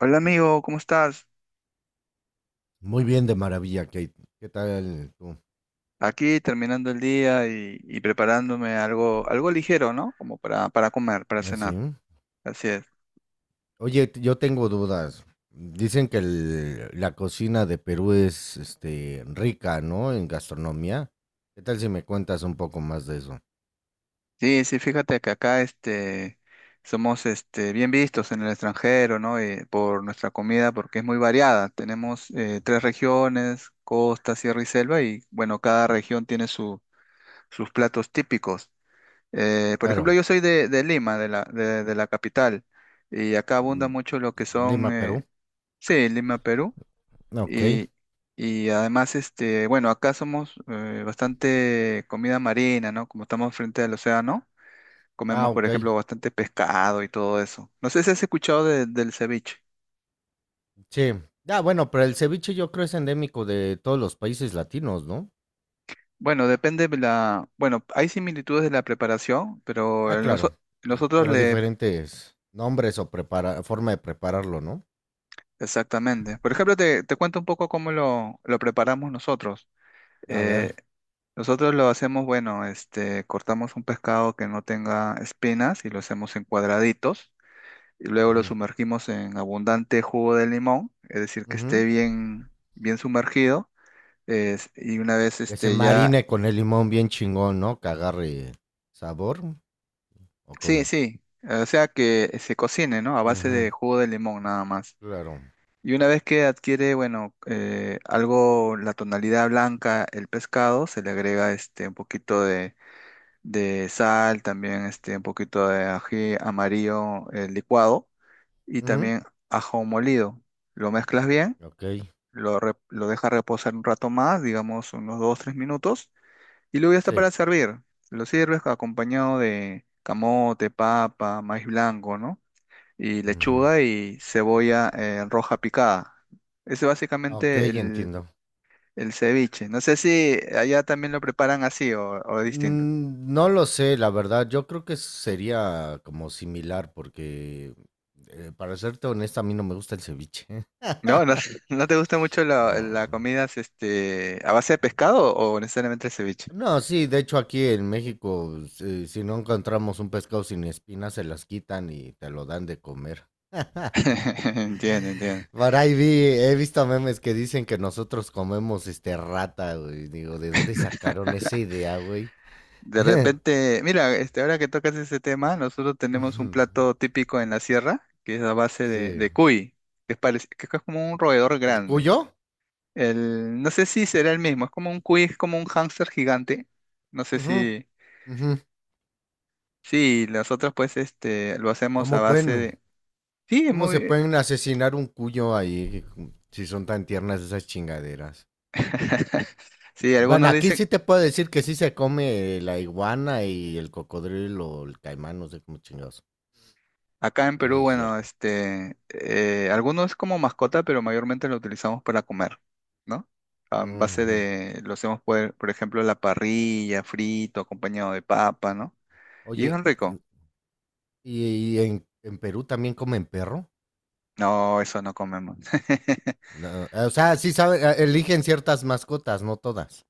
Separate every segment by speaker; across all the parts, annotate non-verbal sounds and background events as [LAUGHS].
Speaker 1: Hola amigo, ¿cómo estás?
Speaker 2: Muy bien, de maravilla, Kate. ¿Qué tal tú?
Speaker 1: Aquí terminando el día y preparándome algo ligero, ¿no? Como para comer, para
Speaker 2: Así.
Speaker 1: cenar. Así es.
Speaker 2: Oye, yo tengo dudas. Dicen que la cocina de Perú es rica, ¿no? En gastronomía. ¿Qué tal si me cuentas un poco más de eso?
Speaker 1: Sí, sí, fíjate que acá somos bien vistos en el extranjero, ¿no? Por nuestra comida, porque es muy variada. Tenemos tres regiones, costa, sierra y selva, y bueno, cada región tiene sus platos típicos. Por ejemplo,
Speaker 2: Claro.
Speaker 1: yo soy de Lima, de la capital, y acá abunda
Speaker 2: mm,
Speaker 1: mucho lo que son,
Speaker 2: Lima, Perú.
Speaker 1: sí, Lima, Perú.
Speaker 2: Ok.
Speaker 1: Y, y además, bueno, acá somos bastante comida marina, ¿no? Como estamos frente al océano,
Speaker 2: Ah,
Speaker 1: comemos, por
Speaker 2: ok.
Speaker 1: ejemplo, bastante pescado y todo eso. No sé si has escuchado del ceviche.
Speaker 2: Sí. Ah, bueno, pero el ceviche yo creo es endémico de todos los países latinos, ¿no?
Speaker 1: Bueno, depende de bueno, hay similitudes de la preparación, pero
Speaker 2: Ah,
Speaker 1: el
Speaker 2: claro.
Speaker 1: nosotros
Speaker 2: Pero
Speaker 1: le,
Speaker 2: diferentes nombres o prepara forma de prepararlo, ¿no?
Speaker 1: exactamente. Por ejemplo, te cuento un poco cómo lo preparamos nosotros.
Speaker 2: A
Speaker 1: Eh,
Speaker 2: ver.
Speaker 1: Nosotros lo hacemos, bueno, cortamos un pescado que no tenga espinas y lo hacemos en cuadraditos y luego lo
Speaker 2: Ujú,
Speaker 1: sumergimos en abundante jugo de limón, es decir, que
Speaker 2: ujú.
Speaker 1: esté bien sumergido, y una vez
Speaker 2: Que se
Speaker 1: ya,
Speaker 2: marine con el limón bien chingón, ¿no? Que agarre sabor o
Speaker 1: sí,
Speaker 2: cómo.
Speaker 1: sí, o sea que se cocine, ¿no? A base de
Speaker 2: Ujú,
Speaker 1: jugo de limón nada más.
Speaker 2: claro.
Speaker 1: Y una vez que adquiere, bueno, algo, la tonalidad blanca, el pescado, se le agrega un poquito de sal, también un poquito de ají amarillo licuado y
Speaker 2: Ujú,
Speaker 1: también ajo molido. Lo mezclas bien
Speaker 2: ok,
Speaker 1: lo deja reposar un rato más, digamos unos dos tres minutos, y luego ya está
Speaker 2: sí.
Speaker 1: para servir. Lo sirves acompañado de camote, papa, maíz blanco, ¿no? Y
Speaker 2: Ujú.
Speaker 1: lechuga y cebolla roja picada. Ese es
Speaker 2: Ok,
Speaker 1: básicamente
Speaker 2: entiendo.
Speaker 1: el ceviche. No sé si allá también lo preparan así o distinto.
Speaker 2: Mm, no lo sé, la verdad. Yo creo que sería como similar porque, para serte honesta, a mí no me gusta el ceviche. [LAUGHS]
Speaker 1: No, no, [LAUGHS] ¿no te gusta mucho
Speaker 2: No.
Speaker 1: la comida a base de pescado o necesariamente el ceviche?
Speaker 2: No, sí, de hecho aquí en México, si no encontramos un pescado sin espinas, se las quitan y te lo dan de comer.
Speaker 1: [LAUGHS] Entiendo, entiendo.
Speaker 2: Por ahí he visto memes que dicen que nosotros comemos rata, güey. Digo, ¿de dónde sacaron esa idea, güey?
Speaker 1: De
Speaker 2: [LAUGHS]
Speaker 1: repente, mira, ahora que tocas ese tema, nosotros tenemos un
Speaker 2: Ujú,
Speaker 1: plato típico en la sierra, que es a base
Speaker 2: sí.
Speaker 1: de cuy, que es, que es como un roedor
Speaker 2: ¿El
Speaker 1: grande.
Speaker 2: cuyo?
Speaker 1: El, no sé si será el mismo, es como un cuy, es como un hámster gigante. No sé
Speaker 2: Ujú,
Speaker 1: si,
Speaker 2: ujú.
Speaker 1: sí, nosotros pues lo hacemos a
Speaker 2: ¿Cómo
Speaker 1: base
Speaker 2: pueden,
Speaker 1: de... Sí, es
Speaker 2: cómo se
Speaker 1: muy...
Speaker 2: pueden asesinar un cuyo ahí si son tan tiernas esas chingaderas?
Speaker 1: [LAUGHS] Sí,
Speaker 2: Bueno,
Speaker 1: algunos
Speaker 2: aquí
Speaker 1: dicen,
Speaker 2: sí te puedo decir que sí se come la iguana y el cocodrilo o el caimán, no sé cómo chingados.
Speaker 1: acá en
Speaker 2: Eso
Speaker 1: Perú,
Speaker 2: es
Speaker 1: bueno,
Speaker 2: cierto.
Speaker 1: algunos como mascota, pero mayormente lo utilizamos para comer, ¿no? A base
Speaker 2: Ujú.
Speaker 1: de, lo hacemos por ejemplo, la parrilla, frito, acompañado de papa, ¿no? Y es
Speaker 2: Oye,
Speaker 1: bien rico.
Speaker 2: ¿y en Perú también comen perro?
Speaker 1: No, eso no comemos. [LAUGHS]
Speaker 2: No, o sea, sí saben, eligen ciertas mascotas, no todas.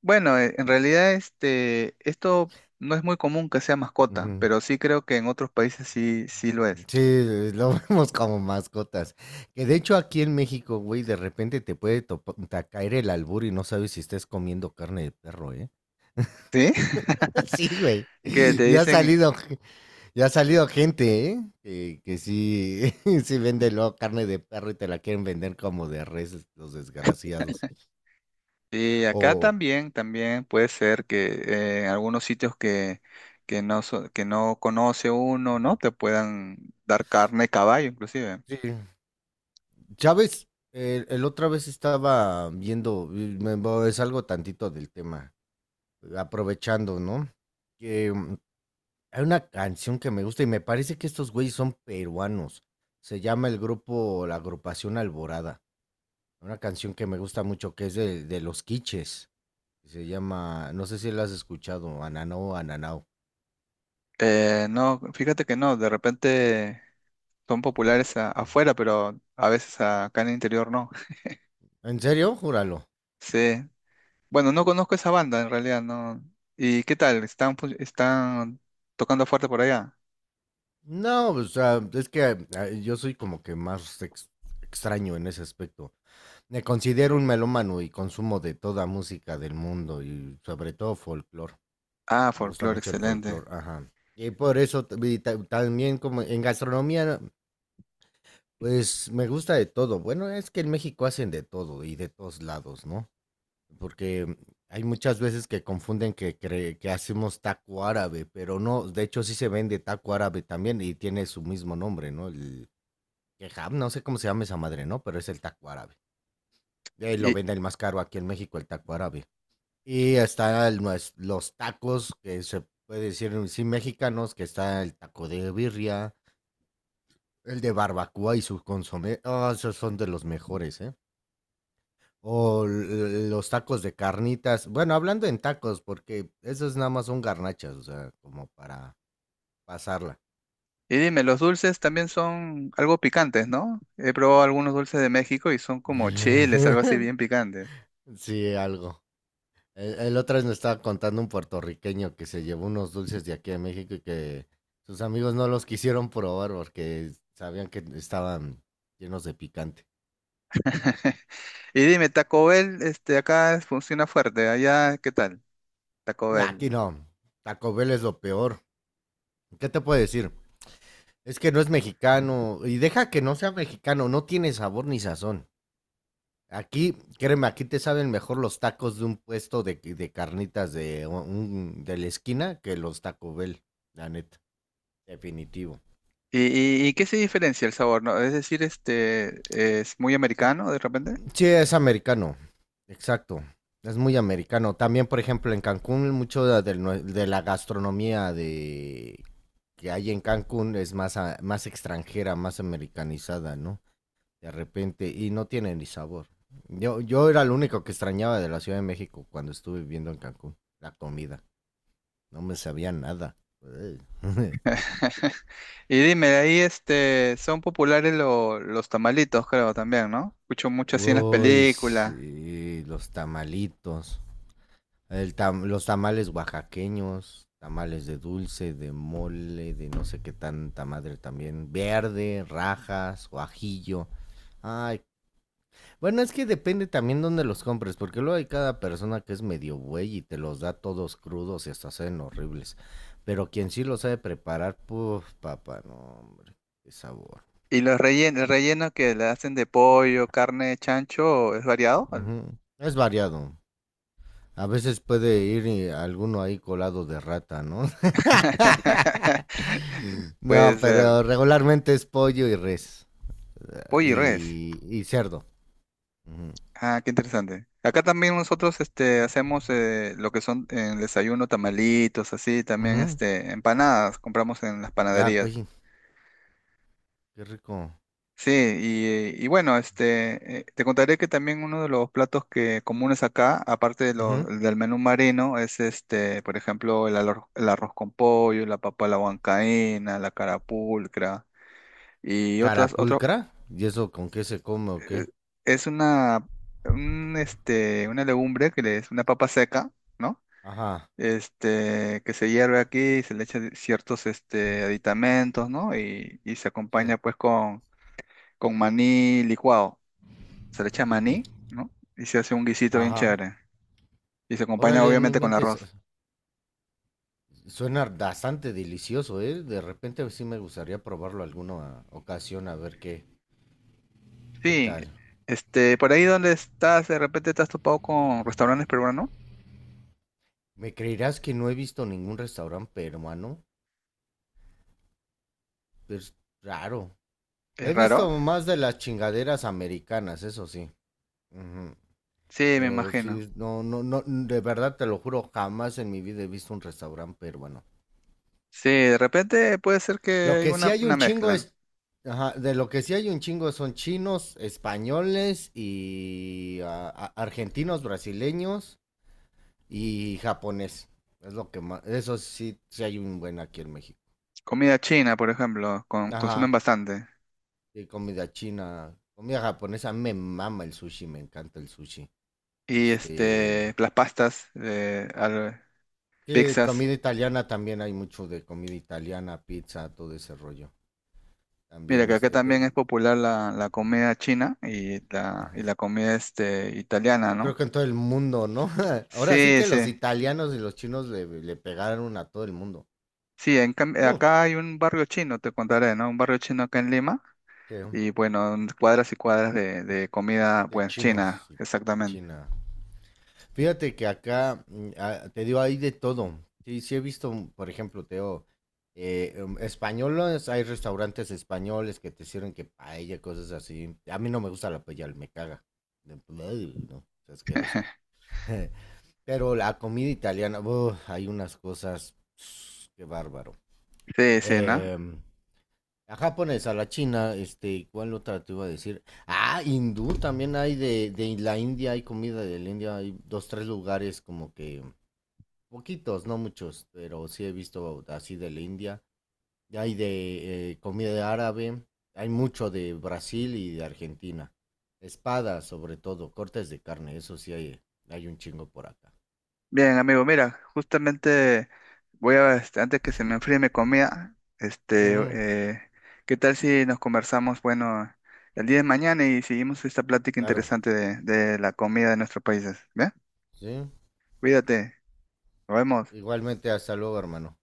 Speaker 1: Bueno, en realidad, esto no es muy común que sea mascota,
Speaker 2: Ujú.
Speaker 1: pero sí creo que en otros países sí, sí lo es.
Speaker 2: Sí, lo [LAUGHS] vemos como mascotas. Que de hecho aquí en México, güey, de repente te puede caer el albur y no sabes si estés comiendo carne de perro, ¿eh?
Speaker 1: ¿Sí? [LAUGHS]
Speaker 2: [LAUGHS] Sí, güey.
Speaker 1: Que te
Speaker 2: Ya ha
Speaker 1: dicen
Speaker 2: salido, ge- ya ha salido gente, ¿eh? Que sí, [LAUGHS] sí vende luego carne de perro y te la quieren vender como de res, los desgraciados.
Speaker 1: sí, acá
Speaker 2: O,
Speaker 1: también, también puede ser que en algunos sitios que no, que no conoce uno, ¿no? Te puedan dar carne de caballo, inclusive.
Speaker 2: sí, Chávez, el otra vez estaba viendo, es algo tantito del tema, aprovechando, ¿no? Que hay una canción que me gusta y me parece que estos güeyes son peruanos. Se llama el grupo, la agrupación Alborada. Una canción que me gusta mucho, que es de Los Quiches. Se llama, no sé si la has escuchado, Ananao, Ananao.
Speaker 1: No, fíjate que no, de repente son populares afuera, pero a veces acá en el interior no. [LAUGHS]
Speaker 2: ¿En serio? Júralo.
Speaker 1: Sí. Bueno, no conozco esa banda en realidad, no. ¿Y qué tal? ¿Están, están tocando fuerte por allá?
Speaker 2: No, o sea, es que yo soy como que más extraño en ese aspecto. Me considero un melómano y consumo de toda música del mundo y sobre todo folclore.
Speaker 1: Ah,
Speaker 2: Me gusta
Speaker 1: folclore,
Speaker 2: mucho el
Speaker 1: excelente.
Speaker 2: folclore, ajá. Y por eso también como en gastronomía, pues me gusta de todo. Bueno, es que en México hacen de todo y de todos lados, ¿no? Porque hay muchas veces que confunden que hacemos taco árabe, pero no, de hecho sí se vende taco árabe también y tiene su mismo nombre, ¿no? El kebab, no sé cómo se llama esa madre, ¿no? Pero es el taco árabe. Y lo venden el más caro aquí en México, el taco árabe. Y están los tacos, que se puede decir sí mexicanos, que está el taco de birria, el de barbacoa y su consomé. Oh, esos son de los mejores, ¿eh? O los tacos de carnitas. Bueno, hablando en tacos, porque esos nada más son garnachas, o sea, como para pasarla.
Speaker 1: Y dime, los dulces también son algo picantes, ¿no? He probado algunos dulces de México y son como chiles, algo así
Speaker 2: [LAUGHS]
Speaker 1: bien picantes.
Speaker 2: Sí, algo. El otra vez me estaba contando un puertorriqueño que se llevó unos dulces de aquí a México y que sus amigos no los quisieron probar porque sabían que estaban llenos de picante.
Speaker 1: [LAUGHS] Y dime, Taco Bell, acá funciona fuerte, allá, ¿qué tal? Taco
Speaker 2: Nah, aquí
Speaker 1: Bell.
Speaker 2: no. Taco Bell es lo peor. ¿Qué te puedo decir? Es que no es mexicano. Y deja que no sea mexicano. No tiene sabor ni sazón. Aquí, créeme, aquí te saben mejor los tacos de un puesto de carnitas de la esquina que los Taco Bell. La neta. Definitivo.
Speaker 1: ¿Y, y qué se diferencia el sabor, no? Es decir, es muy americano de repente.
Speaker 2: Sí, es americano. Exacto. Es muy americano. También, por ejemplo, en Cancún, mucho de la gastronomía de que hay en Cancún es más, más extranjera, más americanizada, ¿no? De repente, y no tiene ni sabor. Yo era lo único que extrañaba de la Ciudad de México cuando estuve viviendo en Cancún, la comida. No me sabía nada. Ey. [LAUGHS]
Speaker 1: [LAUGHS] Y dime, ahí, son populares los tamalitos, creo, también, ¿no? Escucho mucho así en las
Speaker 2: Uy,
Speaker 1: películas.
Speaker 2: sí, los tamalitos. Los tamales oaxaqueños, tamales de dulce, de mole, de no sé qué tanta madre también, verde, rajas, guajillo. Ay, bueno, es que depende también dónde los compres, porque luego hay cada persona que es medio buey y te los da todos crudos y hasta saben horribles. Pero quien sí lo sabe preparar, puf, papá, no, hombre, qué sabor.
Speaker 1: ¿Y los rellenos, el relleno que le hacen de pollo, carne, chancho, es variado?
Speaker 2: Ujú. Es variado. A veces puede ir alguno ahí colado de rata, ¿no?
Speaker 1: [LAUGHS] Puede
Speaker 2: No,
Speaker 1: ser.
Speaker 2: pero regularmente es pollo y res. eh,
Speaker 1: Pollo y res.
Speaker 2: Y, y cerdo. Ujú.
Speaker 1: Ah, qué interesante. Acá también nosotros hacemos lo que son en el desayuno, tamalitos, así, también
Speaker 2: Ujú.
Speaker 1: empanadas, compramos en las
Speaker 2: Ah,
Speaker 1: panaderías.
Speaker 2: qué, qué rico.
Speaker 1: Sí, y bueno, te contaré que también uno de los platos que comunes acá, aparte de
Speaker 2: Ujú.
Speaker 1: del menú marino, es por ejemplo, el arroz con pollo, la papa a la huancaína, la carapulcra y otros
Speaker 2: Carapulcra. ¿Y eso con qué se come o
Speaker 1: eh,
Speaker 2: qué?
Speaker 1: es un, una legumbre es una papa seca, ¿no?
Speaker 2: Ajá,
Speaker 1: Este, que se hierve aquí, se le echa ciertos, aditamentos, ¿no? Y se
Speaker 2: sí.
Speaker 1: acompaña pues con maní licuado. Se le echa
Speaker 2: Mm,
Speaker 1: maní, ¿no? Y se hace un guisito bien
Speaker 2: ajá.
Speaker 1: chévere. Y se acompaña
Speaker 2: Órale, no
Speaker 1: obviamente con
Speaker 2: inventes.
Speaker 1: arroz.
Speaker 2: Suena bastante delicioso, ¿eh? De repente sí me gustaría probarlo alguna ocasión a ver qué, qué
Speaker 1: Sí,
Speaker 2: tal.
Speaker 1: por ahí donde estás, de repente te has topado con restaurantes peruanos, ¿no?
Speaker 2: ¿Me creerás que no he visto ningún restaurante peruano? Es raro.
Speaker 1: Es
Speaker 2: He
Speaker 1: raro.
Speaker 2: visto más de las chingaderas americanas, eso sí. Ujú.
Speaker 1: Sí, me
Speaker 2: Pero
Speaker 1: imagino.
Speaker 2: sí, no, no, no, de verdad te lo juro, jamás en mi vida he visto un restaurante peruano.
Speaker 1: Sí, de repente puede ser que
Speaker 2: Lo
Speaker 1: hay
Speaker 2: que sí hay
Speaker 1: una
Speaker 2: un chingo
Speaker 1: mezcla.
Speaker 2: es, ajá, de lo que sí hay un chingo son chinos, españoles y argentinos, brasileños y japonés. Es lo que más, eso sí, sí hay un buen aquí en México.
Speaker 1: Comida china, por ejemplo, consumen
Speaker 2: Ajá,
Speaker 1: bastante.
Speaker 2: de comida china, comida japonesa, me mama el sushi, me encanta el sushi.
Speaker 1: Y
Speaker 2: Este,
Speaker 1: las pastas,
Speaker 2: Sí,
Speaker 1: pizzas.
Speaker 2: comida italiana también hay mucho de comida italiana, pizza, todo ese rollo.
Speaker 1: Mira,
Speaker 2: También
Speaker 1: que acá también es popular la comida china y
Speaker 2: ujú.
Speaker 1: la comida italiana,
Speaker 2: Yo creo
Speaker 1: ¿no?
Speaker 2: que en todo el mundo, ¿no? [LAUGHS] Ahora sí
Speaker 1: Sí,
Speaker 2: que los
Speaker 1: sí.
Speaker 2: italianos y los chinos le pegaron a todo el mundo.
Speaker 1: Sí, en cambio,
Speaker 2: Mm,
Speaker 1: acá hay un barrio chino, te contaré, ¿no? Un barrio chino acá en Lima.
Speaker 2: que
Speaker 1: Y bueno, cuadras y cuadras de comida,
Speaker 2: de
Speaker 1: pues, china,
Speaker 2: chinos y
Speaker 1: exactamente.
Speaker 2: China. Fíjate que acá, te digo, hay de todo. Sí, sí he visto, por ejemplo, te digo, españoles, hay restaurantes españoles que te sirven que paella, cosas así. A mí no me gusta la paella, me caga. ¡Ugh! No, es asqueroso. [LAUGHS] Pero la comida italiana, ¡buh! Hay unas cosas, [SNIFFS] qué bárbaro.
Speaker 1: Sí, sí, ¿no?
Speaker 2: Em, la japonesa, la china, ¿cuál otra te iba a decir? Ah, hindú también hay de la India, hay comida de la India, hay dos, tres lugares como que poquitos, no muchos, pero sí he visto así de la India. Y hay de comida árabe, hay mucho de Brasil y de Argentina. Espadas, sobre todo, cortes de carne, eso sí hay un chingo por acá.
Speaker 1: Bien, amigo, mira, justamente voy a, este, antes que se me enfríe mi comida,
Speaker 2: Ujú,
Speaker 1: ¿qué tal si nos conversamos, bueno, el día de mañana y seguimos esta plática
Speaker 2: claro,
Speaker 1: interesante de la comida de nuestros países? ¿Bien?
Speaker 2: sí.
Speaker 1: Cuídate, nos vemos.
Speaker 2: Igualmente, hasta luego, hermano.